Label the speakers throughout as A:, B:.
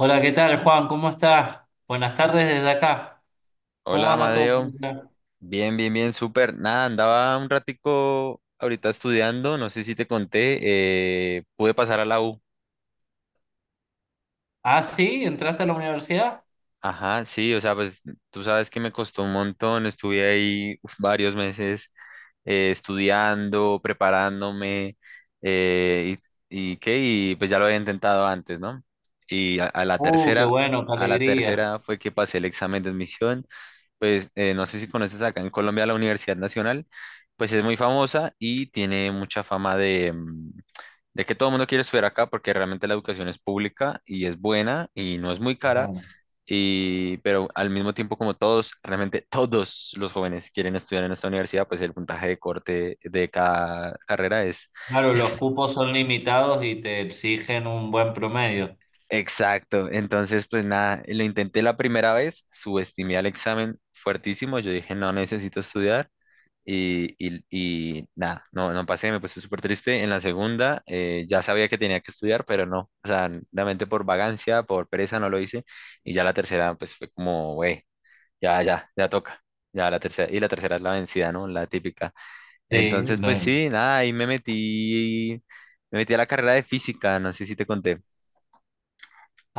A: Hola, ¿qué tal, Juan? ¿Cómo estás? Buenas tardes desde acá. ¿Cómo
B: Hola,
A: anda todo por
B: Amadeo.
A: acá?
B: Bien, bien, bien, súper. Nada, andaba un ratico ahorita estudiando, no sé si te conté, pude pasar a la U.
A: Ah, sí, ¿entraste a la universidad?
B: Ajá, sí, o sea, pues tú sabes que me costó un montón, estuve ahí uf, varios meses estudiando, preparándome, eh, y qué, y pues ya lo había intentado antes, ¿no? Y a la
A: Qué
B: tercera,
A: bueno, qué
B: a la
A: alegría.
B: tercera fue que pasé el examen de admisión, pues no sé si conoces acá en Colombia la Universidad Nacional. Pues es muy famosa y tiene mucha fama de, de que todo el mundo quiere estudiar acá porque realmente la educación es pública y es buena y no es muy
A: Es
B: cara,
A: bueno,
B: y, pero al mismo tiempo, como todos, realmente todos los jóvenes quieren estudiar en esta universidad, pues el puntaje de corte de cada carrera es...
A: claro, los cupos son limitados y te exigen un buen promedio.
B: Exacto, entonces pues nada, lo intenté la primera vez, subestimé al examen fuertísimo, yo dije no necesito estudiar. Y, y- y nada, no, no pasé, me puse súper triste. En la segunda, ya sabía que tenía que estudiar, pero no, o sea, realmente por vagancia, por pereza no lo hice. Y ya la tercera, pues fue como, güey, ya, ya, ya toca. Ya la tercera, y la tercera es la vencida, ¿no? La típica.
A: Sí,
B: Entonces, pues
A: lo-
B: sí, nada, ahí me metí a la carrera de física, no sé si te conté.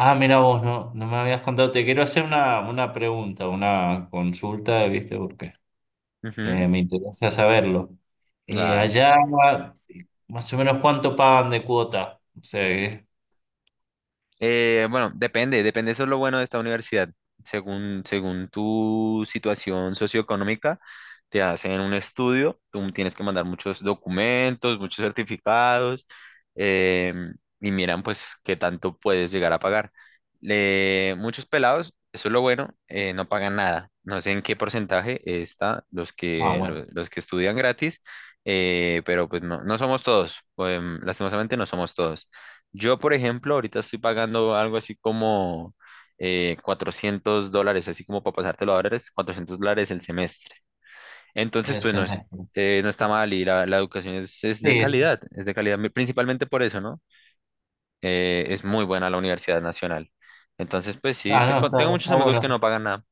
A: Ah, mira vos, no, no me habías contado. Te quiero hacer una pregunta, una consulta, ¿viste? Porque
B: Ujú.
A: me interesa saberlo.
B: Ah,
A: Allá, más o menos, ¿cuánto pagan de cuota? O sea,
B: Bueno, depende, depende, eso es lo bueno de esta universidad. Según, según tu situación socioeconómica, te hacen un estudio, tú tienes que mandar muchos documentos, muchos certificados, em, y miran pues qué tanto puedes llegar a pagar. Muchos pelados, eso es lo bueno, no pagan nada. No sé en qué porcentaje está los
A: ah,
B: que,
A: bueno,
B: los que estudian gratis, pero pues no, no somos todos, lastimosamente no somos todos. Yo, por ejemplo, ahorita estoy pagando algo así como $400, así como para pasártelo a dólares, $400 el semestre. Entonces,
A: ese
B: pues no es,
A: semestre.
B: no está mal, y la educación
A: Sí.
B: es de calidad, principalmente por eso, ¿no? Es muy buena la Universidad Nacional. Entonces, pues sí,
A: Ah, no,
B: tengo, tengo
A: está,
B: muchos
A: está
B: amigos que
A: bueno.
B: no pagan nada.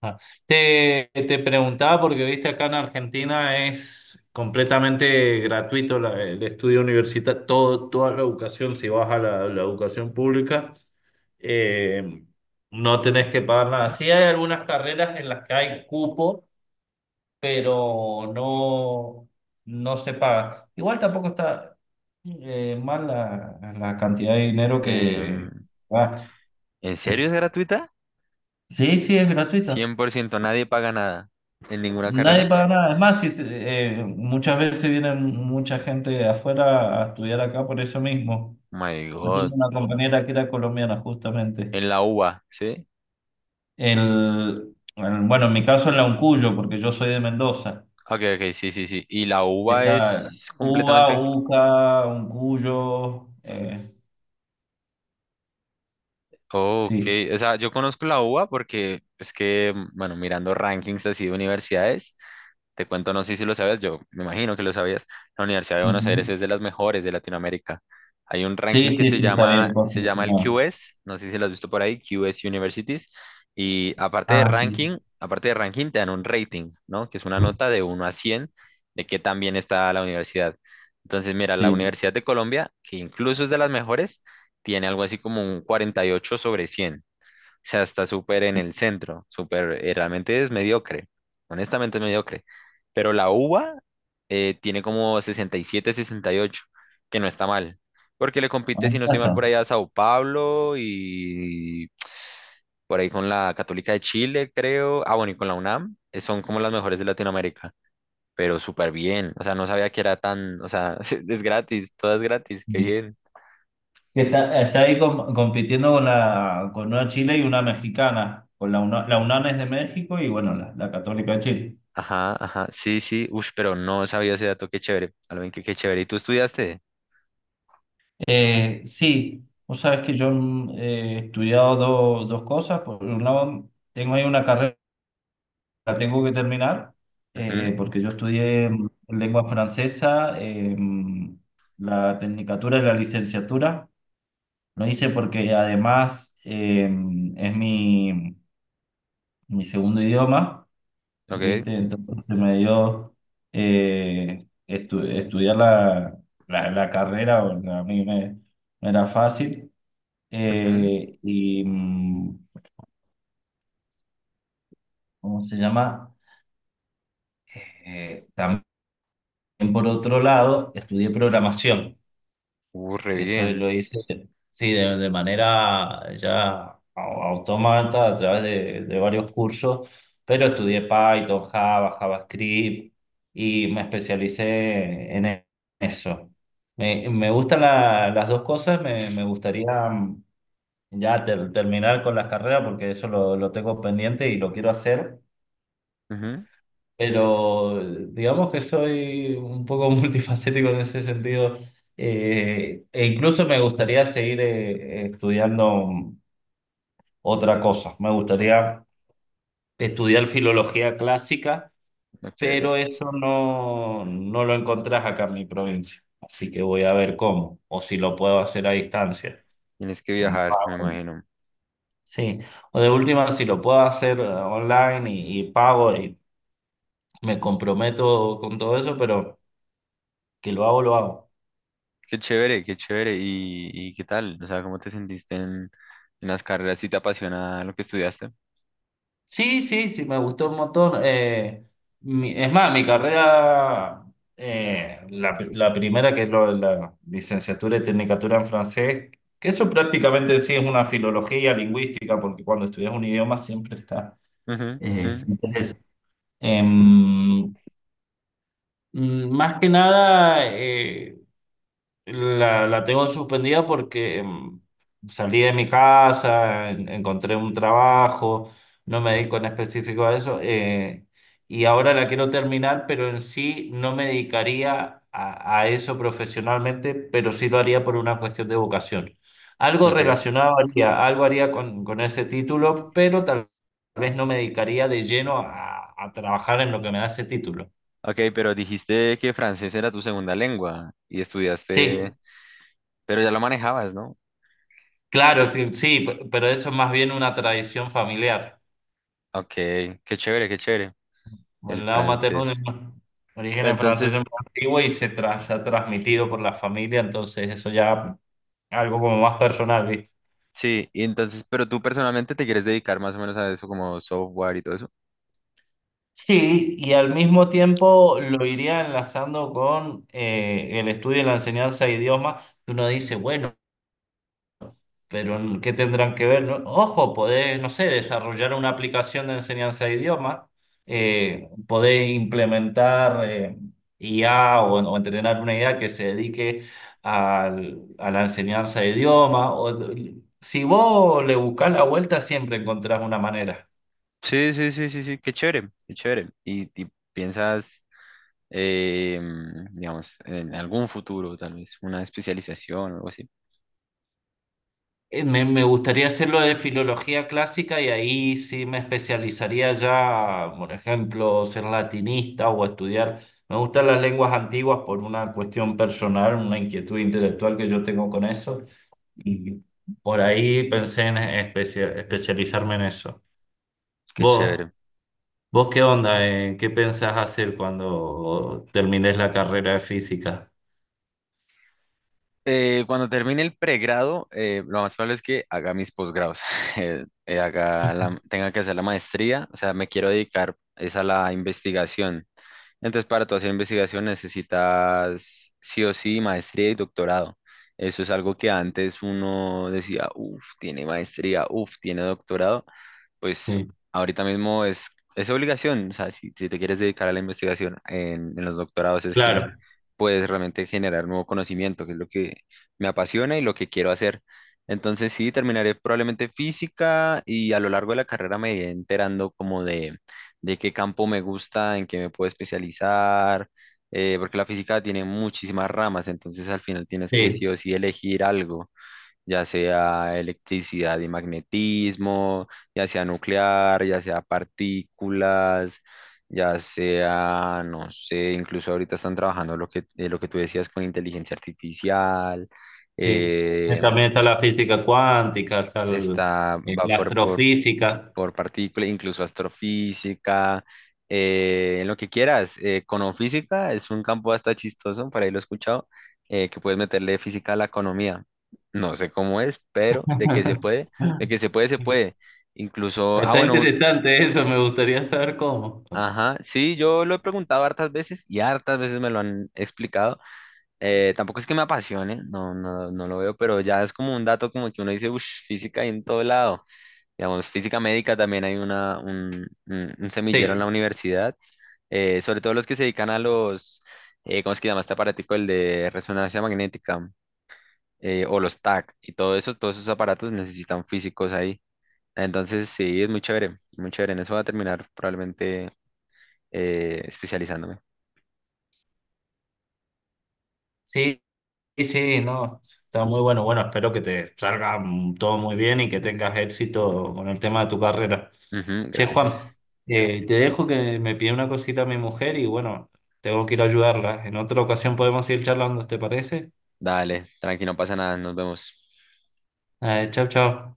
A: Ah. Te preguntaba porque viste acá en Argentina es completamente gratuito la- el estudio universitario, todo, toda la educación, si vas a la educación pública, eh, no tenés que pagar nada. Sí hay algunas carreras en las que hay cupo, pero no, no se paga. Igual tampoco está mal la cantidad de dinero que
B: Em,
A: va.
B: ¿En
A: Pero
B: serio es gratuita?
A: sí, sí, es gratuita.
B: ¿100% nadie paga nada en ninguna
A: Nadie
B: carrera?
A: paga nada. Es más, si, se- muchas veces viene mucha gente de afuera a estudiar acá por eso mismo.
B: Oh My
A: Yo tenía
B: God,
A: una compañera que era colombiana, justamente.
B: ¿en la UBA, sí?
A: El, bueno, en mi caso en la Uncuyo, porque yo soy de Mendoza.
B: Ok, ok, sí, sí, sí. Y la uva
A: Está
B: es
A: Uva,
B: completamente...
A: Uca, Uncuyo.
B: Ok,
A: Sí.
B: o sea, yo conozco la uva porque es que, bueno, mirando rankings así de universidades. Te cuento, no sé si lo sabías, yo me imagino que lo sabías. La Universidad de Buenos Aires
A: Ujú.
B: es de las mejores de Latinoamérica. Hay un ranking
A: Sí,
B: que
A: sí, sí, está bien
B: se llama el
A: posicionado.
B: QS, no sé si lo has visto por ahí, QS Universities. Y
A: Ah, sí,
B: aparte de ranking, te dan un rating, ¿no? Que es una nota de 1 a 100 de qué tan bien está la universidad. Entonces, mira, la
A: sí.
B: Universidad de Colombia, que incluso es de las mejores, tiene algo así como un 48 sobre 100, sea, está súper en el centro, súper, realmente es mediocre, honestamente es mediocre. Pero la uva tiene como 60, 67, 68 que no está mal, porque le
A: Ah,
B: compite, si no estoy mal,
A: está.
B: por allá a Sao Paulo y por ahí con la Católica de Chile, creo. Ah, bueno, y con la UNAM, son como las mejores de Latinoamérica, pero súper bien, o sea, no sabía que era tan, o sea, es gratis, todo es gratis, qué bien.
A: Que está, está ahí com- compitiendo con la, con una Chile y una mexicana. Con la UNA- la UNAM es de México y bueno, la, la Católica de Chile.
B: Ajá, ajá, sí, sí, uff, pero no sabía ese dato, qué chévere, Alvin, qué, qué chévere. ¿Y tú estudiaste?
A: Sí, vos sabés que yo he estudiado do- dos cosas. Por un lado, tengo ahí una carrera que tengo que terminar,
B: Ujú,
A: porque yo estudié lengua francesa, la tecnicatura y la licenciatura. Lo hice porque además es mi, mi segundo idioma.
B: ok,
A: ¿Viste? Entonces se me dio estu- estudiar la carrera, o sea, a mí me, me era fácil,
B: ujú,
A: eh, y mm, ¿cómo se llama? También, por otro lado, estudié programación.
B: re
A: Que eso
B: bien,
A: lo hice, sí, de manera ya au- automata a través de varios cursos, pero estudié Python, Java, JavaScript y me especialicé en e- eso. Me gustan la- las dos cosas, me gustaría ya ter- terminar con las carreras porque eso lo tengo pendiente y lo quiero hacer.
B: ujú,
A: Pero digamos que soy un poco multifacético en ese sentido. E incluso me gustaría seguir estudiando otra cosa. Me gustaría estudiar filología clásica,
B: ok,
A: pero eso no, no lo encontrás acá en mi provincia. Así que voy a ver cómo, o si lo puedo hacer a distancia.
B: tienes que
A: Mm,
B: viajar, me
A: pago.
B: imagino,
A: Sí, o de última, si lo puedo hacer online y pago y me comprometo con todo eso, pero que lo hago, lo hago.
B: qué chévere, qué chévere. ¿Y, y qué tal? O sea, ¿cómo te sentiste en las carreras? ¿Sí te apasiona lo que estudiaste?
A: Sí, sí, sí, me gustó un montón. Es más, mi carrera, la, la primera, que es lo- la licenciatura y tecnicatura en francés, que eso prácticamente sí es una filología lingüística, porque cuando estudias un idioma siempre está,
B: Ujú, ujú,
A: siempre es eso. Em, Más que nada, la, la tengo suspendida porque salí de mi casa, en- encontré un trabajo, no me dedico en específico a eso, y ahora la quiero terminar, pero en sí no me dedicaría a eso profesionalmente, pero sí lo haría por una cuestión de vocación. Algo
B: ok,
A: relacionado haría, algo haría con ese título, pero tal vez no me dedicaría de lleno a trabajar en lo que me da ese título.
B: ok, pero dijiste que francés era tu segunda lengua y estudiaste,
A: Sí.
B: pero ya lo manejabas, ¿no?
A: Claro, sí, sí, pe- pero eso es más bien una tradición familiar.
B: Ok, qué chévere, el
A: El lado materno
B: francés.
A: de origen
B: Pero
A: francés franceses
B: entonces...
A: muy antiguo y se, tra- se ha transmitido por la familia, entonces eso ya algo como más personal, ¿viste?
B: Sí, y entonces, pero tú personalmente te quieres dedicar más o menos a eso, como software y todo eso.
A: Sí, y al mismo tiempo lo iría enlazando con el estudio y la enseñanza de idiomas. Uno dice, bueno, pero ¿qué tendrán que ver? No- Ojo, podés, no sé, desarrollar una aplicación de enseñanza de idiomas, podés implementar IA o entrenar una IA que se dedique al- a la enseñanza de idiomas. O si vos le buscás la vuelta, siempre encontrás una manera.
B: Sí, sí, sí, sí, sí, qué chévere, qué chévere. Y piensas, digamos, en algún futuro, tal vez, una especialización o algo así.
A: Me, me gustaría hacerlo de filología clásica y ahí sí me especializaría ya, por ejemplo, ser latinista o estudiar. Me gustan las lenguas antiguas por una cuestión personal, una inquietud intelectual que yo tengo con eso. Y por ahí pensé en especia- especializarme en eso.
B: Qué
A: ¿Vos,
B: chévere.
A: vos qué onda? ¿Eh? ¿Qué pensás hacer cuando termines la carrera de física?
B: Cuando termine el pregrado, lo más probable es que haga mis posgrados,
A: Ujú.
B: tenga que hacer la maestría, o sea, me quiero dedicar es a la investigación. Entonces, para tu hacer investigación necesitas sí o sí maestría y doctorado. Eso es algo que antes uno decía, uff, tiene maestría, uff, tiene doctorado, pues
A: Sí,
B: ahorita mismo es obligación, o sea, si, si te quieres dedicar a la investigación en los doctorados es que
A: claro,
B: puedes realmente generar nuevo conocimiento, que es lo que me apasiona y lo que quiero hacer. Entonces sí, terminaré probablemente física y a lo largo de la carrera me iré enterando como de qué campo me gusta, en qué me puedo especializar, porque la física tiene muchísimas ramas, entonces al final tienes que sí
A: sí.
B: o sí elegir algo, ya sea electricidad y magnetismo, ya sea nuclear, ya sea partículas, ya sea, no sé, incluso ahorita están trabajando lo que tú decías, con inteligencia artificial,
A: Sí.
B: eh,
A: También está la física cuántica, está el-
B: está, va
A: la
B: por
A: astrofísica.
B: partículas, incluso astrofísica, en lo que quieras. Econofísica es un campo hasta chistoso, por ahí lo he escuchado, que puedes meterle física a la economía. No sé cómo es, pero de que se puede, de que se puede, se puede. Incluso, ah,
A: Está
B: bueno,
A: interesante eso, me gustaría saber cómo.
B: ajá, sí, yo lo he preguntado hartas veces y hartas veces me lo han explicado. Tampoco es que me apasione, no, no, no lo veo, pero ya es como un dato como que uno dice, uff, física hay en todo lado. Digamos, física médica también hay una, un, un semillero en la
A: Sí,
B: universidad, sobre todo los que se dedican a los, ¿cómo es que se llama este aparatico? El de resonancia magnética, o los TAC y todo eso, todos esos aparatos necesitan físicos ahí. Entonces, sí, es muy chévere, muy chévere. En eso voy a terminar probablemente especializándome.
A: sí, sí, no, está muy bueno. Bueno, espero que te salga todo muy bien y que tengas éxito con el tema de tu carrera.
B: Ujú,
A: Che,
B: gracias.
A: Juan, te dejo que me pide una cosita a mi mujer y bueno, tengo que ir a ayudarla. En otra ocasión podemos ir charlando, ¿te parece?
B: Dale, tranqui, no pasa nada, nos vemos.
A: Chao, chao.